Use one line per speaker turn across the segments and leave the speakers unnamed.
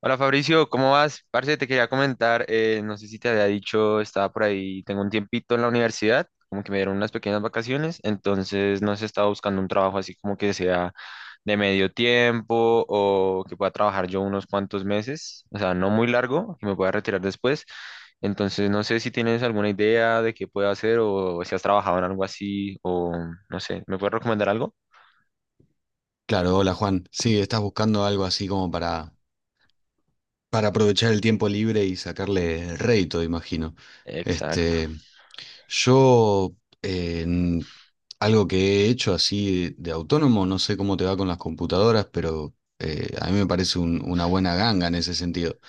Hola Fabricio, ¿cómo vas? Parce, te quería comentar, no sé si te había dicho, estaba por ahí, tengo un tiempito en la universidad, como que me dieron unas pequeñas vacaciones, entonces no sé, estaba buscando un trabajo así como que sea de medio tiempo o que pueda trabajar yo unos cuantos meses, o sea, no muy largo, que me pueda retirar después, entonces no sé si tienes alguna idea de qué puedo hacer o si has trabajado en algo así o no sé, ¿me puedes recomendar algo?
Claro, hola Juan. Sí, estás buscando algo así como para aprovechar el tiempo libre y sacarle rédito, imagino.
Exacto.
Este, yo, en algo que he hecho así de autónomo, no sé cómo te va con las computadoras, pero a mí me parece una buena ganga en ese sentido.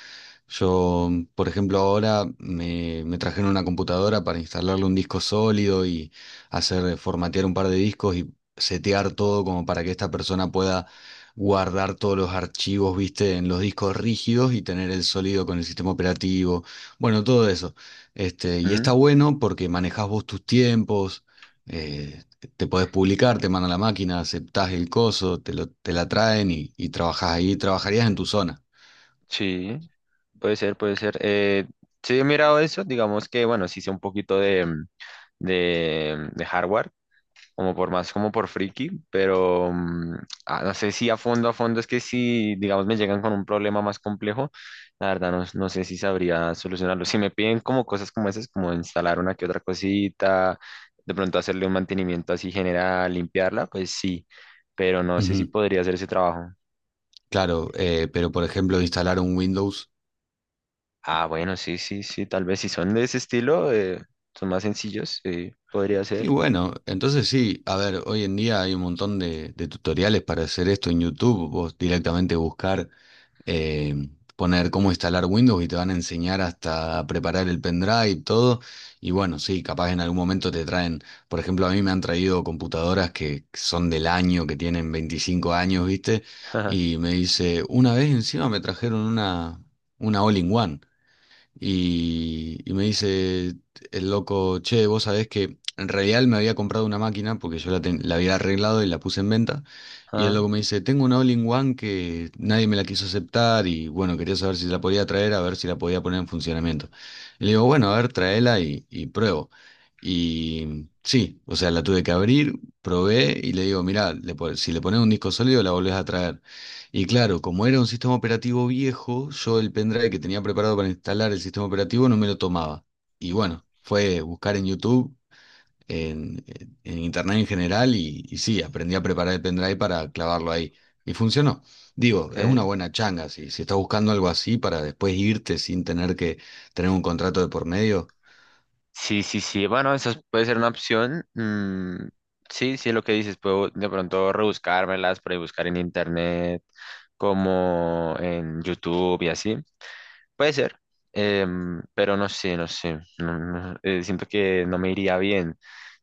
Yo, por ejemplo, ahora me trajeron una computadora para instalarle un disco sólido y hacer formatear un par de discos y setear todo como para que esta persona pueda guardar todos los archivos, viste, en los discos rígidos y tener el sólido con el sistema operativo. Bueno, todo eso. Este, y está bueno porque manejás vos tus tiempos, eh, te podés publicar, te mandan la máquina, aceptás el coso, te la traen y trabajás ahí, trabajarías en tu zona.
Sí, puede ser, puede ser. Sí, he mirado eso, digamos que, bueno, sí sé un poquito de, de, de hardware, como por más, como por friki, pero no sé si a fondo, a fondo, es que si, digamos, me llegan con un problema más complejo, la verdad no, no sé si sabría solucionarlo. Si me piden como cosas como esas, como instalar una que otra cosita, de pronto hacerle un mantenimiento así general, limpiarla, pues sí, pero no sé si
Ujú.
podría hacer ese trabajo.
Claro, pero por ejemplo, instalar un Windows.
Ah, bueno, sí, sí, sí, tal vez si son de ese estilo, son más sencillos, podría
Y
ser.
bueno, entonces sí, a ver, hoy en día hay un montón de tutoriales para hacer esto en YouTube. Vos directamente buscar, eh, poner cómo instalar Windows y te van a enseñar hasta preparar el pendrive, todo. Y bueno, sí, capaz en algún momento te traen, por ejemplo, a mí me han traído computadoras que son del año, que tienen 25 años, ¿viste? Y me dice, una vez encima me trajeron una All-in-One. Y me dice el loco, che, vos sabés que en realidad él me había comprado una máquina porque yo la había arreglado y la puse en venta. Y el
Ah, ajá,
loco me dice, tengo una All-in-One que nadie me la quiso aceptar y bueno, quería saber si la podía traer, a ver si la podía poner en funcionamiento. Y le digo, bueno, a ver, traela y pruebo. Y sí, o sea, la tuve que abrir, probé y le digo, mirá, si le pones un disco sólido la volvés a traer. Y claro, como era un sistema operativo viejo, yo el pendrive que tenía preparado para instalar el sistema operativo no me lo tomaba. Y bueno, fue buscar en YouTube, en internet en general, y sí, aprendí a preparar el pendrive para clavarlo ahí. Y funcionó. Digo, es una
ok.
buena changa, si estás buscando algo así para después irte sin tener que tener un contrato de por medio.
Sí, sí, sí, bueno, esa puede ser una opción. Sí, sí, lo que dices, puedo de pronto rebuscármelas, por ahí buscar en internet, como en YouTube y así. Puede ser, pero no sé, no sé, no, siento que no me iría bien.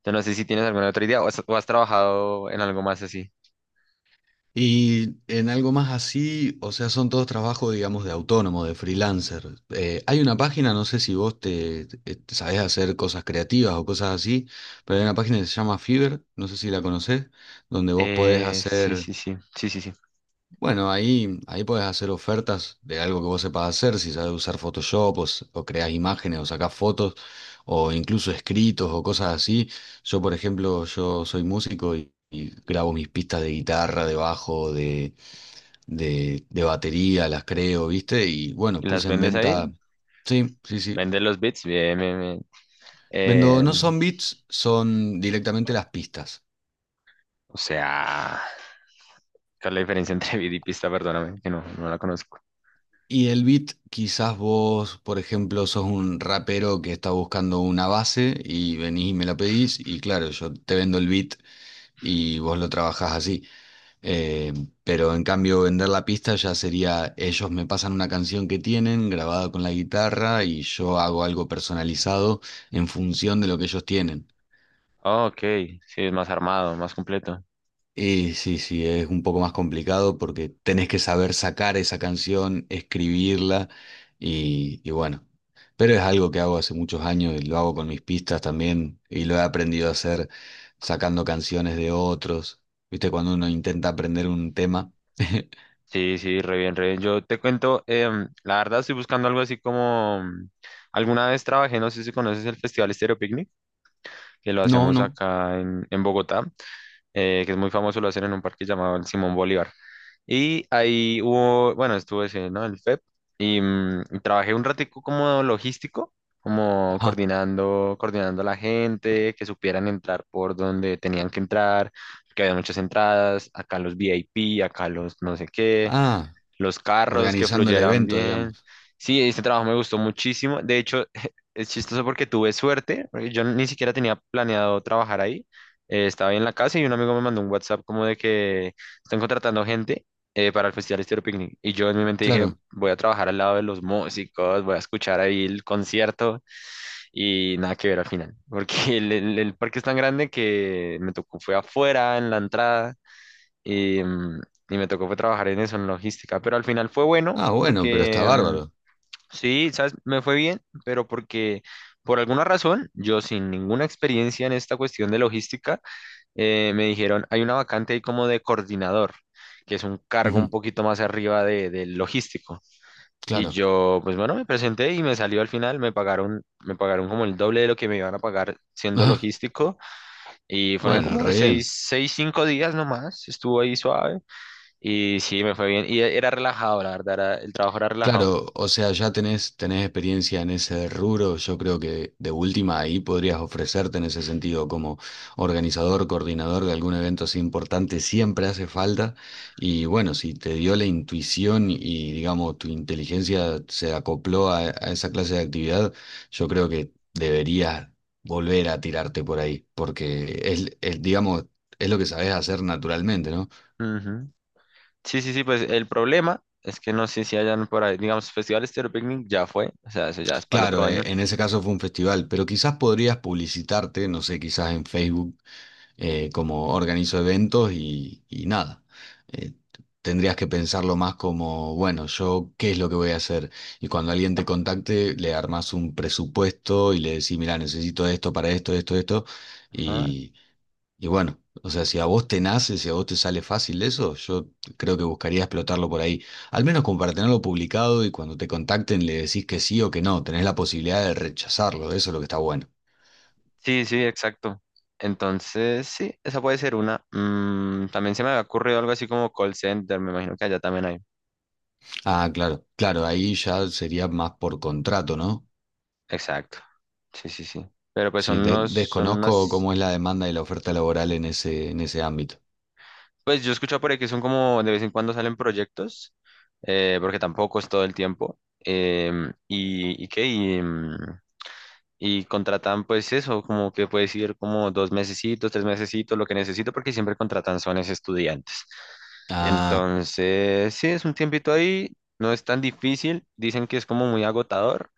Yo no sé si tienes alguna otra idea o has trabajado en algo más así.
Y en algo más así, o sea, son todos trabajos, digamos, de autónomo, de freelancer. Hay una página, no sé si vos te sabés hacer cosas creativas o cosas así, pero hay una página que se llama Fiverr, no sé si la conocés, donde vos podés
Sí,
hacer,
sí, sí, sí, sí, sí.
bueno, ahí podés hacer ofertas de algo que vos sepas hacer, si sabés usar Photoshop o creás imágenes o sacás fotos o incluso escritos o cosas así. Yo, por ejemplo, yo soy músico y grabo mis pistas de guitarra, de bajo, de batería, las creo, ¿viste? Y bueno,
¿Y las
puse en
vendes ahí?
venta. Sí, sí, sí.
¿Vendes los bits? Bien, bien, bien.
Vendo,
Eh,
no son beats, son directamente las pistas.
o sea, ¿Cuál es la diferencia entre beat y pista? Perdóname, que no, no la conozco.
Y el beat, quizás vos, por ejemplo, sos un rapero que está buscando una base y venís y me la pedís, y claro, yo te vendo el beat y vos lo trabajás así. Eh, pero en cambio, vender la pista ya sería, ellos me pasan una canción que tienen grabada con la guitarra y yo hago algo personalizado en función de lo que ellos tienen.
Ah, ok, sí, es más armado, más completo.
Y sí, sí, es un poco más complicado porque tenés que saber sacar esa canción, escribirla y bueno. Pero es algo que hago hace muchos años y lo hago con mis pistas también y lo he aprendido a hacer sacando canciones de otros. ¿Viste? Cuando uno intenta aprender un tema.
Sí, sí, re bien, re bien. Yo te cuento, la verdad estoy buscando algo así como... alguna vez trabajé, no sé si conoces el Festival Estéreo Picnic, que lo
No,
hacemos
no.
acá en Bogotá. Que es muy famoso, lo hacen en un parque llamado el Simón Bolívar. Y ahí hubo, bueno, estuve ese, ¿no? El FEP y y trabajé un ratico como logístico, como
Ajá.
coordinando, coordinando a la gente, que supieran entrar por donde tenían que entrar, que había muchas entradas, acá los VIP, acá los no sé qué,
Ah,
los carros que
organizando el
fluyeran
evento,
bien.
digamos.
Sí, este trabajo me gustó muchísimo. De hecho, es chistoso porque tuve suerte, porque yo ni siquiera tenía planeado trabajar ahí. Estaba ahí en la casa y un amigo me mandó un WhatsApp como de que están contratando gente para el Festival Estéreo Picnic. Y yo en mi mente dije,
Claro.
voy a trabajar al lado de los músicos, voy a escuchar ahí el concierto y nada que ver al final, porque el el parque es tan grande que me tocó, fue afuera, en la entrada y y me tocó fue trabajar en eso, en logística, pero al final fue bueno
Ah, bueno, pero está
porque
bárbaro.
sí, ¿sabes? Me fue bien, pero porque por alguna razón, yo sin ninguna experiencia en esta cuestión de logística, me dijeron, hay una vacante ahí como de coordinador, que es un cargo un
Ujú.
poquito más arriba del logístico. Y
Claro.
yo, pues bueno, me presenté y me salió al final, me pagaron como el doble de lo que me iban a pagar siendo
Ah,
logístico. Y fueron
bueno,
como
re bien.
seis, seis, cinco días nomás, estuvo ahí suave. Y sí, me fue bien. Y era relajado, la verdad, el trabajo era relajado.
Claro, o sea, ya tenés, tenés experiencia en ese rubro, yo creo que de última ahí podrías ofrecerte en ese sentido como organizador, coordinador de algún evento así importante, siempre hace falta. Y bueno, si te dio la intuición y digamos tu inteligencia se acopló a esa clase de actividad, yo creo que deberías volver a tirarte por ahí, porque digamos, es lo que sabes hacer naturalmente, ¿no?
Ujú. Sí, sí, sí, pues el problema es que no sé si hayan por ahí, digamos, Festival Estéreo Picnic ya fue, o sea, eso ya es para el otro
Claro,
año.
en ese caso fue un festival, pero quizás podrías publicitarte, no sé, quizás en Facebook como organizo eventos y nada. Eh, Tendrías que pensarlo más como, bueno, yo qué es lo que voy a hacer. Y cuando alguien te contacte, le armas un presupuesto y le decís, mira, necesito esto para esto, esto, esto,
Ajá.
y bueno, o sea, si a vos te nace, si a vos te sale fácil eso, yo creo que buscaría explotarlo por ahí. Al menos como para tenerlo publicado y cuando te contacten le decís que sí o que no, tenés la posibilidad de rechazarlo, eso es lo que está bueno.
Sí, sí, exacto. Entonces, sí, esa puede ser una. Mm, también se me había ocurrido algo así como call center, me imagino que allá también hay.
Ah, claro, claro, ahí ya sería más por contrato, ¿no?
Exacto. Sí, sí, sí. Pero pues son
Sí,
unos, son
desconozco
unas,
cómo es la demanda y la oferta laboral en ese ámbito.
pues yo escucho por ahí que son como de vez en cuando salen proyectos porque tampoco es todo el tiempo. Y, y qué, y y contratan pues eso, como que puedes ir como dos mesecitos, tres mesecitos, lo que necesito, porque siempre contratan son es estudiantes.
Ah,
Entonces, sí, es un tiempito ahí, no es tan difícil, dicen que es como muy agotador,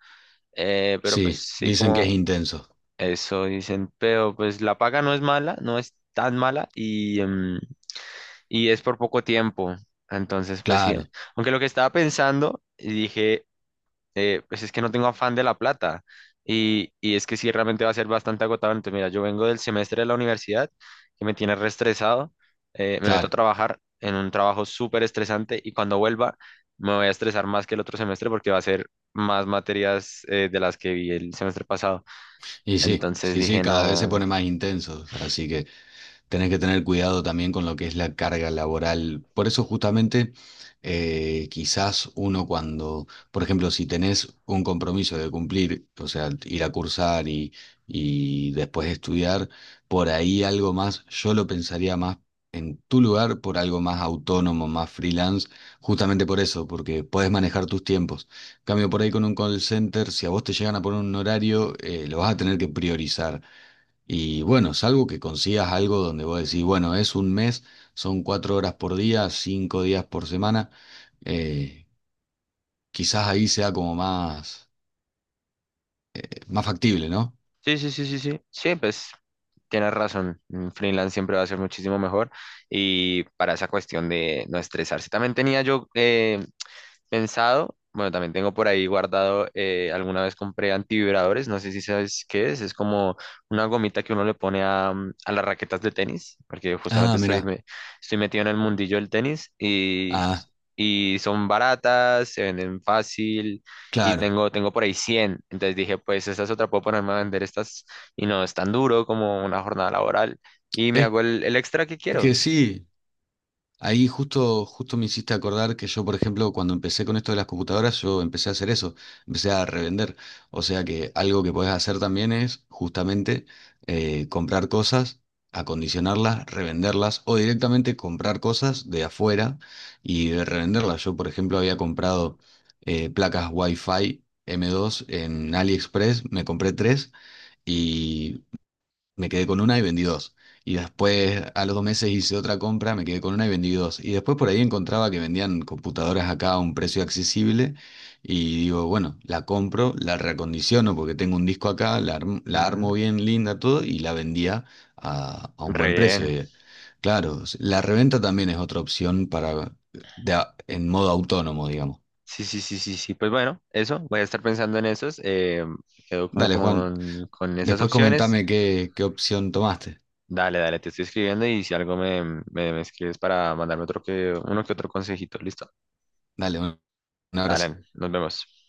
pero pues
sí,
sí,
dicen que es
como
intenso.
eso dicen, pero pues la paga no es mala, no es tan mala y y es por poco tiempo. Entonces, pues sí,
Claro,
aunque lo que estaba pensando, y dije, pues es que no tengo afán de la plata. Y es que sí, realmente va a ser bastante agotador. Entonces, mira, yo vengo del semestre de la universidad, que me tiene reestresado, me meto a
claro.
trabajar en un trabajo súper estresante y cuando vuelva me voy a estresar más que el otro semestre porque va a ser más materias de las que vi el semestre pasado.
Y sí,
Entonces
sí, sí,
dije,
cada vez se
no,
pone más intenso, así que… Tenés que tener cuidado también con lo que es la carga laboral. Por eso justamente quizás uno cuando, por ejemplo, si tenés un compromiso de cumplir, o sea, ir a cursar y después estudiar, por ahí algo más, yo lo pensaría más en tu lugar por algo más autónomo, más freelance, justamente por eso, porque podés manejar tus tiempos. Cambio por ahí con un call center, si a vos te llegan a poner un horario, lo vas a tener que priorizar. Y bueno, salvo que consigas algo donde vos decís, bueno, es 1 mes, son 4 horas por día, 5 días por semana, eh, quizás ahí sea como más factible, ¿no?
sí, sí, sí, sí, sí, sí, pues tienes razón, un freelance siempre va a ser muchísimo mejor y para esa cuestión de no estresarse. También tenía yo pensado, bueno, también tengo por ahí guardado, alguna vez compré antivibradores, no sé si sabes qué es como una gomita que uno le pone a, a las raquetas de tenis, porque
Ah,
justamente estoy,
mirá.
estoy metido en el mundillo del tenis
Ah,
y son baratas, se venden fácil y
claro.
tengo, tengo por ahí 100, entonces dije, pues esa es otra, puedo ponerme a vender estas y no es tan duro como una jornada laboral y me
Es
hago el extra que
que
quiero.
sí, ahí justo, justo me hiciste acordar que yo, por ejemplo, cuando empecé con esto de las computadoras, yo empecé a hacer eso, empecé a revender. O sea que algo que podés hacer también es justamente comprar cosas, acondicionarlas, revenderlas o directamente comprar cosas de afuera y revenderlas. Yo, por ejemplo, había comprado placas Wi-Fi M2 en AliExpress, me compré tres, me quedé con una y vendí dos. Y después a los 2 meses hice otra compra, me quedé con una y vendí dos. Y después por ahí encontraba que vendían computadoras acá a un precio accesible y digo, bueno, la compro, la reacondiciono porque tengo un disco acá, la armo
Mm,
bien linda, todo y la vendía a un
re
buen precio.
bien.
Y, claro, la reventa también es otra opción para en modo autónomo, digamos.
Sí, sí, sí, sí, sí. Pues bueno, eso, voy a estar pensando en esos. Quedo como
Dale, Juan,
con esas
después
opciones.
comentame qué, qué opción tomaste.
Dale, dale, te estoy escribiendo y si algo me, me, me escribes para mandarme uno que otro consejito, ¿listo?
Dale, un
Dale,
abrazo.
nos vemos.